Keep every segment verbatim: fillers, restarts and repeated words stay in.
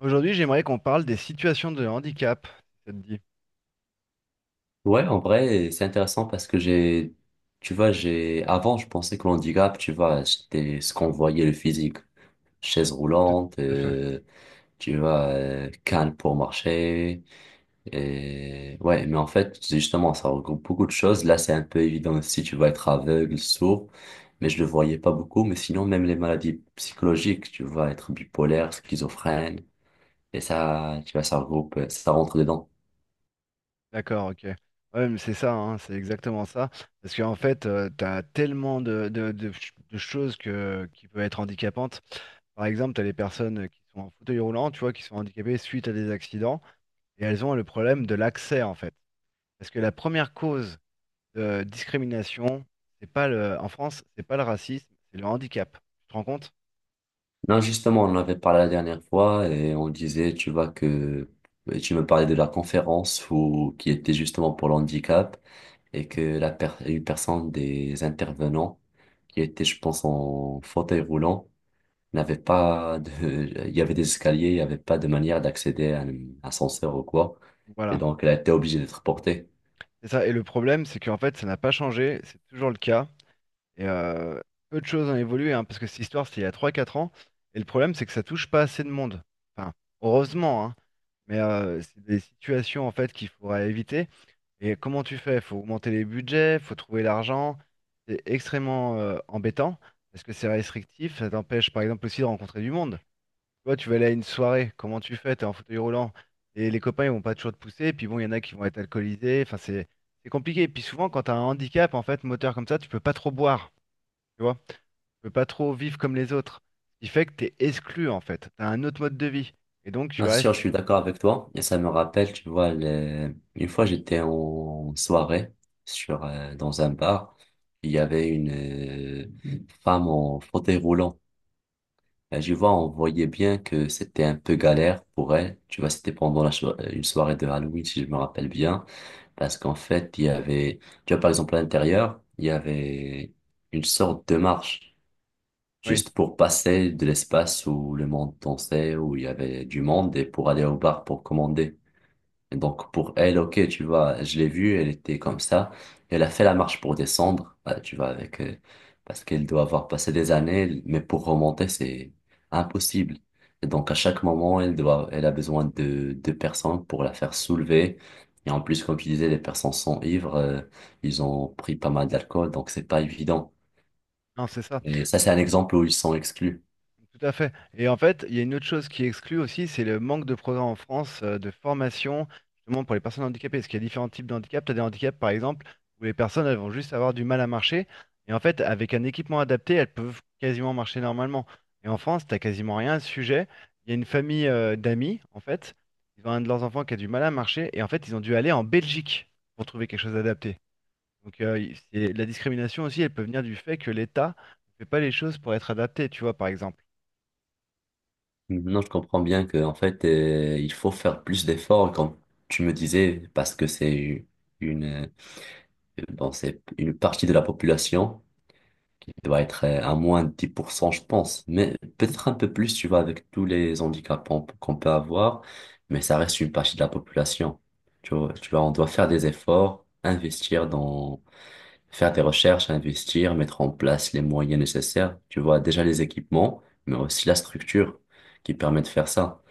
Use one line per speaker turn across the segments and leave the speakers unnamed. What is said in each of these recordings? Aujourd'hui, j'aimerais qu'on parle des situations de handicap, si ça te dit.
Ouais, en vrai, c'est intéressant parce que j'ai, tu vois, j'ai, avant, je pensais que l'handicap, tu vois, c'était ce qu'on voyait le physique. Chaise
Tout
roulante,
tout à fait.
euh, tu vois, euh, canne pour marcher. Et ouais, mais en fait, c'est justement, ça regroupe beaucoup de choses. Là, c'est un peu évident aussi, tu vas être aveugle, sourd, mais je le voyais pas beaucoup. Mais sinon, même les maladies psychologiques, tu vas être bipolaire, schizophrène, et ça, tu vois, ça regroupe, ça rentre dedans.
D'accord, ok. Ouais, mais c'est ça, hein, c'est exactement ça. Parce qu'en fait, euh, tu as tellement de, de- de ch- de choses que, qui peuvent être handicapantes. Par exemple, tu as les personnes qui sont en fauteuil roulant, tu vois, qui sont handicapées suite à des accidents, et elles ont le problème de l'accès, en fait. Parce que la première cause de discrimination, c'est pas le, en France, c'est pas le racisme, c'est le handicap. Tu te rends compte?
Non, justement, on en avait parlé la dernière fois et on disait, tu vois, que tu me parlais de la conférence où, qui était justement pour l'handicap et que la per- une personne des intervenants qui était, je pense, en fauteuil roulant n'avait pas de, il y avait des escaliers, il n'y avait pas de manière d'accéder à un ascenseur ou quoi. Et
Voilà.
donc, elle a été obligée d'être portée.
C'est ça, et le problème, c'est qu'en fait, ça n'a pas changé, c'est toujours le cas. Et euh, peu de choses ont évolué, hein, parce que cette histoire, c'était il y a trois quatre ans. Et le problème, c'est que ça touche pas assez de monde. Enfin, heureusement, hein, mais euh, c'est des situations en fait qu'il faudra éviter. Et comment tu fais? Faut augmenter les budgets, faut trouver l'argent. C'est extrêmement euh, embêtant, parce que c'est restrictif, ça t'empêche par exemple aussi de rencontrer du monde. Tu vois, tu vas aller à une soirée, comment tu fais? T'es en fauteuil roulant. Et les copains, ils vont pas toujours te pousser. Et puis bon, il y en a qui vont être alcoolisés. Enfin, c'est c'est compliqué. Et puis souvent, quand t'as un handicap, en fait, moteur comme ça, tu peux pas trop boire. Tu vois? Tu peux pas trop vivre comme les autres. Ce qui fait que t'es exclu, en fait. T'as un autre mode de vie. Et donc, tu
Bien sûr, je
restes.
suis d'accord avec toi. Et ça me rappelle, tu vois, le- une fois j'étais en soirée sur, euh, dans un bar. Il y avait une euh, femme en fauteuil roulant. Et je vois, on voyait bien que c'était un peu galère pour elle. Tu vois, c'était pendant la so- euh, une soirée de Halloween, si je me rappelle bien. Parce qu'en fait, il y avait, tu vois, par exemple, à l'intérieur, il y avait une sorte de marche.
Oui,
Juste pour passer de l'espace où le monde dansait, où il y avait du monde, et pour aller au bar pour commander. Donc pour elle, ok, tu vois, je l'ai vue, elle était comme ça. Elle a fait la marche pour descendre, euh, tu vois, avec euh, parce qu'elle doit avoir passé des années, mais pour remonter, c'est impossible. Et donc à chaque moment, elle doit, elle a besoin de deux personnes pour la faire soulever. Et en plus, comme tu disais, les personnes sont ivres, euh, ils ont pris pas mal d'alcool, donc c'est pas évident.
non, c'est ça.
Et ça, c'est un exemple où ils sont exclus.
Tout à fait. Et en fait, il y a une autre chose qui exclut aussi, c'est le manque de programmes en France euh, de formation, justement pour les personnes handicapées. Parce qu'il y a différents types de handicaps. Tu as des handicaps, par exemple, où les personnes elles vont juste avoir du mal à marcher. Et en fait, avec un équipement adapté, elles peuvent quasiment marcher normalement. Et en France, tu quasiment rien à ce sujet. Il y a une famille euh, d'amis, en fait. Ils ont un de leurs enfants qui a du mal à marcher. Et en fait, ils ont dû aller en Belgique pour trouver quelque chose d'adapté. Donc, euh, il- c'est- la discrimination aussi, elle peut venir du fait que l'État ne fait pas les choses pour être adapté, tu vois, par exemple.
Non, je comprends bien que en fait, euh, il faut faire plus d'efforts, comme tu me disais, parce que c'est une… Bon, c'est une partie de la population qui doit être euh, à moins de dix pour cent je pense. Mais peut-être un peu plus, tu vois, avec tous les handicaps qu'on qu'on peut avoir. Mais ça reste une partie de la population. Tu vois, tu vois, on doit faire des efforts, investir dans, faire des recherches, investir, mettre en place les moyens nécessaires. Tu vois, déjà les équipements, mais aussi la structure qui permet de faire ça.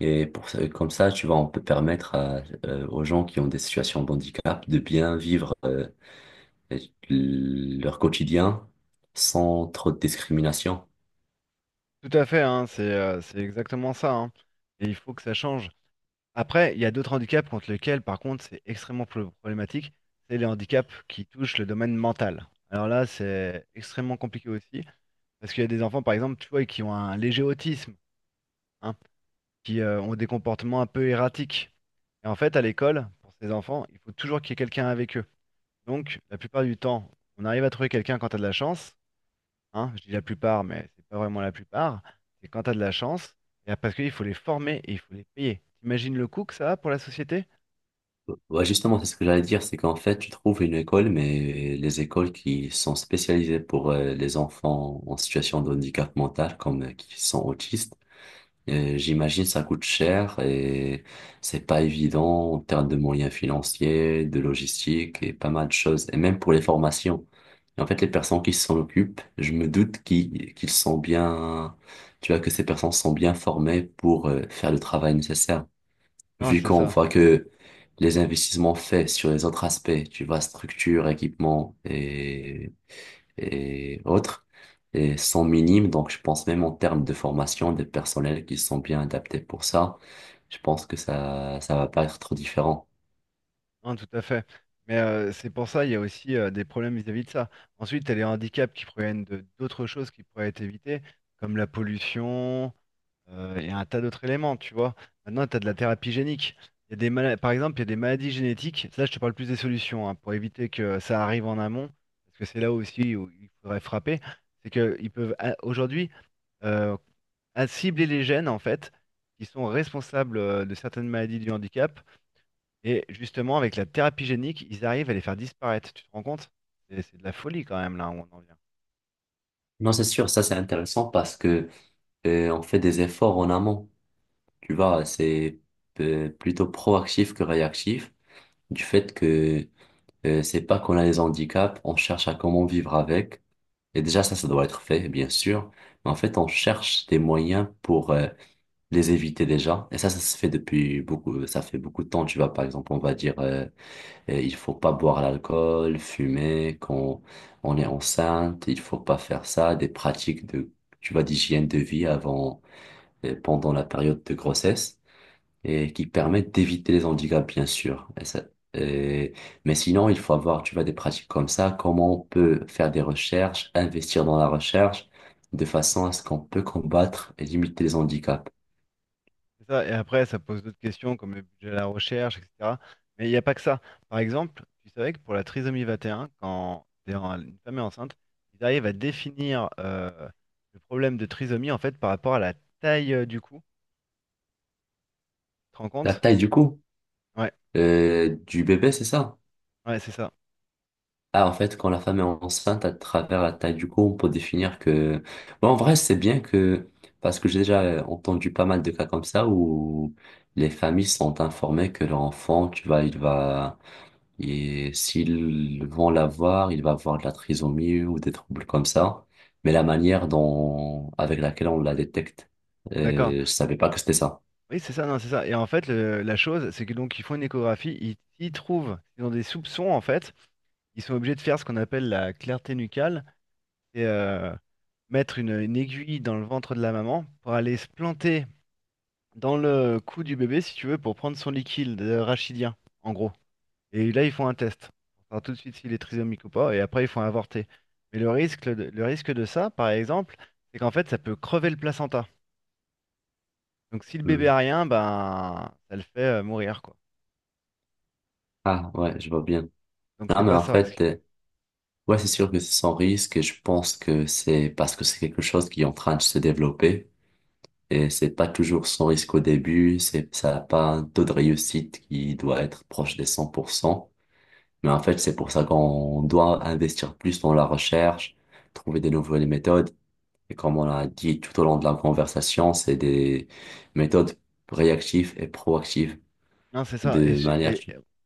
Et pour, ça- comme ça, tu vois, on peut permettre à, euh, aux gens qui ont des situations de handicap de bien vivre euh, leur quotidien sans trop de discrimination.
Tout à fait, hein, c'est euh, c'est exactement ça, hein. Et il faut que ça change. Après, il y a d'autres handicaps contre lesquels, par contre, c'est extrêmement pro- problématique. C'est les handicaps qui touchent le domaine mental. Alors là, c'est extrêmement compliqué aussi. Parce qu'il y a des enfants, par exemple, tu vois, qui ont un léger autisme, hein, qui euh, ont des comportements un peu erratiques. Et en fait, à l'école, pour ces enfants, il faut toujours qu'il y ait quelqu'un avec eux. Donc, la plupart du temps, on arrive à trouver quelqu'un quand tu as de la chance, hein, je dis la plupart, mais c'est pas vraiment la plupart, c'est quand tu as de la chance, et parce qu'il faut les former et il faut les payer. T'imagines le coût que ça a pour la société?
Ouais, justement, c'est ce que j'allais dire, c'est qu'en fait, tu trouves une école, mais les écoles qui sont spécialisées pour euh, les enfants en situation de handicap mental, comme euh, qui sont autistes, Euh, j'imagine ça coûte cher et c'est pas évident en termes de moyens financiers, de logistique et pas mal de choses, et même pour les formations. Et en fait, les personnes qui s'en occupent, je me doute qu'ils qu'ils sont bien, tu vois, que ces personnes sont bien formées pour euh, faire le travail nécessaire.
Non,
Vu
c'est
qu'on
ça.
voit que les investissements faits sur les autres aspects, tu vois, structure, équipement et et autres et sont minimes. Donc, je pense même en termes de formation, des personnels qui sont bien adaptés pour ça, je pense que ça, ça va pas être trop différent.
Non, tout à fait. Mais euh, c'est pour ça, il y a aussi euh, des problèmes vis-à-vis de ça. Ensuite, tu as les handicaps qui proviennent de d'autres choses qui pourraient être évitées, comme la pollution. Euh, Il y a un tas d'autres éléments, tu vois. Maintenant, tu as de la thérapie génique. Il y a des mala- Par exemple, il y a des maladies génétiques. Là, je te parle plus des solutions, hein, pour éviter que ça arrive en amont, parce que c'est là aussi où il faudrait frapper. C'est qu'ils peuvent a- aujourd'hui euh, à cibler les gènes, en fait, qui sont responsables euh, de certaines maladies du handicap. Et justement, avec la thérapie génique, ils arrivent à les faire disparaître. Tu te rends compte? C'est c'est de la folie quand même, là, où on en vient.
Non, c'est sûr, ça c'est intéressant parce que euh, on fait des efforts en amont. Tu vois, c'est euh, plutôt proactif que réactif du fait que euh, c'est pas qu'on a des handicaps, on cherche à comment vivre avec. Et déjà, ça, ça doit être fait, bien sûr. Mais en fait, on cherche des moyens pour euh, les éviter déjà. Et ça, ça se fait depuis beaucoup, ça fait beaucoup de temps, tu vois. Par exemple, on va dire, euh, euh, il faut pas boire l'alcool, fumer quand on est enceinte, il faut pas faire ça, des pratiques de, tu vois, d'hygiène de vie avant, et pendant la période de grossesse et qui permettent d'éviter les handicaps, bien sûr. Et ça- et- mais sinon, il faut avoir, tu vois, des pratiques comme ça. Comment on peut faire des recherches, investir dans la recherche de façon à ce qu'on peut combattre et limiter les handicaps.
C'est ça. Et après, ça pose d'autres questions comme le budget à la recherche, et cetera. Mais il n'y a pas que ça. Par exemple, tu savais que pour la trisomie vingt et un, quand t'es en- une femme est enceinte, ils arrivent à définir euh, le problème de trisomie en fait par rapport à la taille euh, du cou. Tu te rends
La
compte?
taille du cou.
Ouais,
euh, du bébé, c'est ça?
ouais, c'est ça.
Ah, en fait, quand la femme est enceinte, à travers la taille du cou, on peut définir que… Bon, en vrai, c'est bien que… Parce que j'ai déjà euh, entendu pas mal de cas comme ça où les familles sont informées que leur enfant, tu vois, il va… Et s'ils vont l'avoir, il va avoir de la trisomie ou des troubles comme ça. Mais la manière dont… avec laquelle on la détecte,
D'accord.
euh, je savais pas que c'était ça.
Oui, c'est ça, non, c'est ça. Et en fait, le- la chose, c'est que donc ils font une échographie, ils, ils trouvent, ils ont des soupçons en fait, ils sont obligés de faire ce qu'on appelle la clarté nucale. Et, euh, mettre une, une aiguille dans le ventre de la maman pour aller se planter dans le cou du bébé, si tu veux, pour prendre son liquide euh, rachidien, en gros. Et là, ils font un test pour savoir tout de suite s'il est trisomique ou pas, et après, ils font avorter. Mais le risque, de- le risque de ça, par exemple, c'est qu'en fait, ça peut crever le placenta. Donc, si le bébé
Hmm.
a rien, ben, ça le fait euh, mourir, quoi.
Ah, ouais, je vois bien.
Donc,
Non,
c'est
mais
pas
en
ça,
fait...
risque.
euh, Ouais, c'est sûr que c'est sans risque et je pense que c'est parce que c'est quelque chose qui est en train de se développer et c'est pas toujours sans risque au début, c'est, ça n'a pas un taux de réussite qui doit être proche des cent pour cent. Mais en fait, c'est pour ça qu'on doit investir plus dans la recherche, trouver des nouvelles méthodes. Et comme on l'a dit tout au long de la conversation, c'est des méthodes réactives et proactives
Non, c'est ça. Et,
de
c'est-
manière…
et-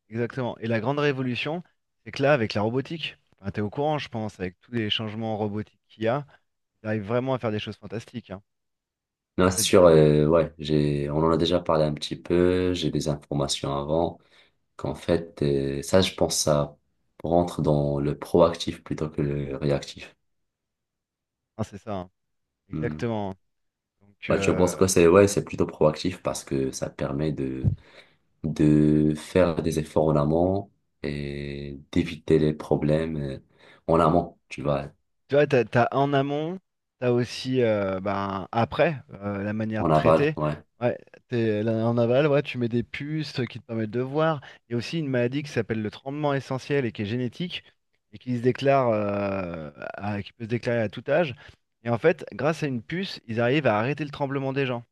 exactement. Et la grande révolution, c'est que là, avec la robotique, enfin, t'es au courant, je pense, avec tous les changements robotiques qu'il y a, ils arrivent vraiment à faire des choses fantastiques, hein.
Non, c'est
C'est,
sûr, euh, ouais, j'ai, on en a déjà parlé un petit peu, j'ai des informations avant. Qu'en fait, euh, ça, je pense, ça rentre dans le proactif plutôt que le réactif.
non, c'est ça, hein.
Hmm.
Exactement. Donc,
Ouais, je pense
euh,
que c'est ouais, c'est plutôt proactif parce que ça permet de, de faire des efforts en amont et d'éviter les problèmes euh, en amont, tu vois,
tu vois, t'as, t'as en amont, t'as aussi euh, ben, après euh, la manière de
en aval,
traiter.
ouais.
Ouais, t'es, là, en aval, ouais, tu mets des puces qui te permettent de voir. Il y a aussi une maladie qui s'appelle le tremblement essentiel et qui est génétique et qui se déclare, euh, à- qui peut se déclarer à tout âge. Et en fait, grâce à une puce, ils arrivent à arrêter le tremblement des gens.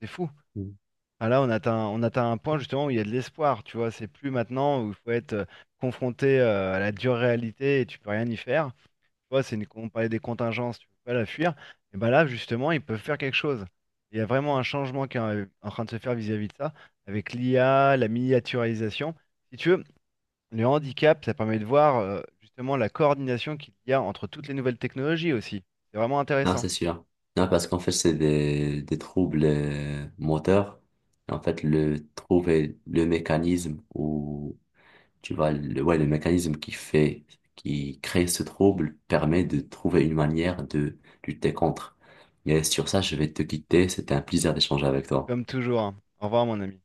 C'est fou.
Mm.
Enfin, là, on atteint, on atteint un point justement où il y a de l'espoir. Tu vois, c'est plus maintenant où il faut être euh, confronté euh, à la dure réalité et tu peux rien y faire. Tu vois, c'est une, on parlait des contingences, tu peux pas la fuir. Et ben là, justement, ils peuvent faire quelque chose. Il y a vraiment un changement qui est en en train de se faire vis-à-vis de ça, avec l'I A, la miniaturisation. Si tu veux, le handicap, ça permet de voir euh, justement la coordination qu'il y a entre toutes les nouvelles technologies aussi. C'est vraiment
Non,
intéressant,
c'est sûr. Non, parce qu'en fait, c'est des, des troubles euh, moteurs. En fait, le, trouver le mécanisme ou… Tu vois, le, ouais, le mécanisme qui fait, qui crée ce trouble permet de trouver une manière de lutter contre. Mais sur ça, je vais te quitter. C'était un plaisir d'échanger avec toi.
comme toujours, hein. Au revoir, mon ami.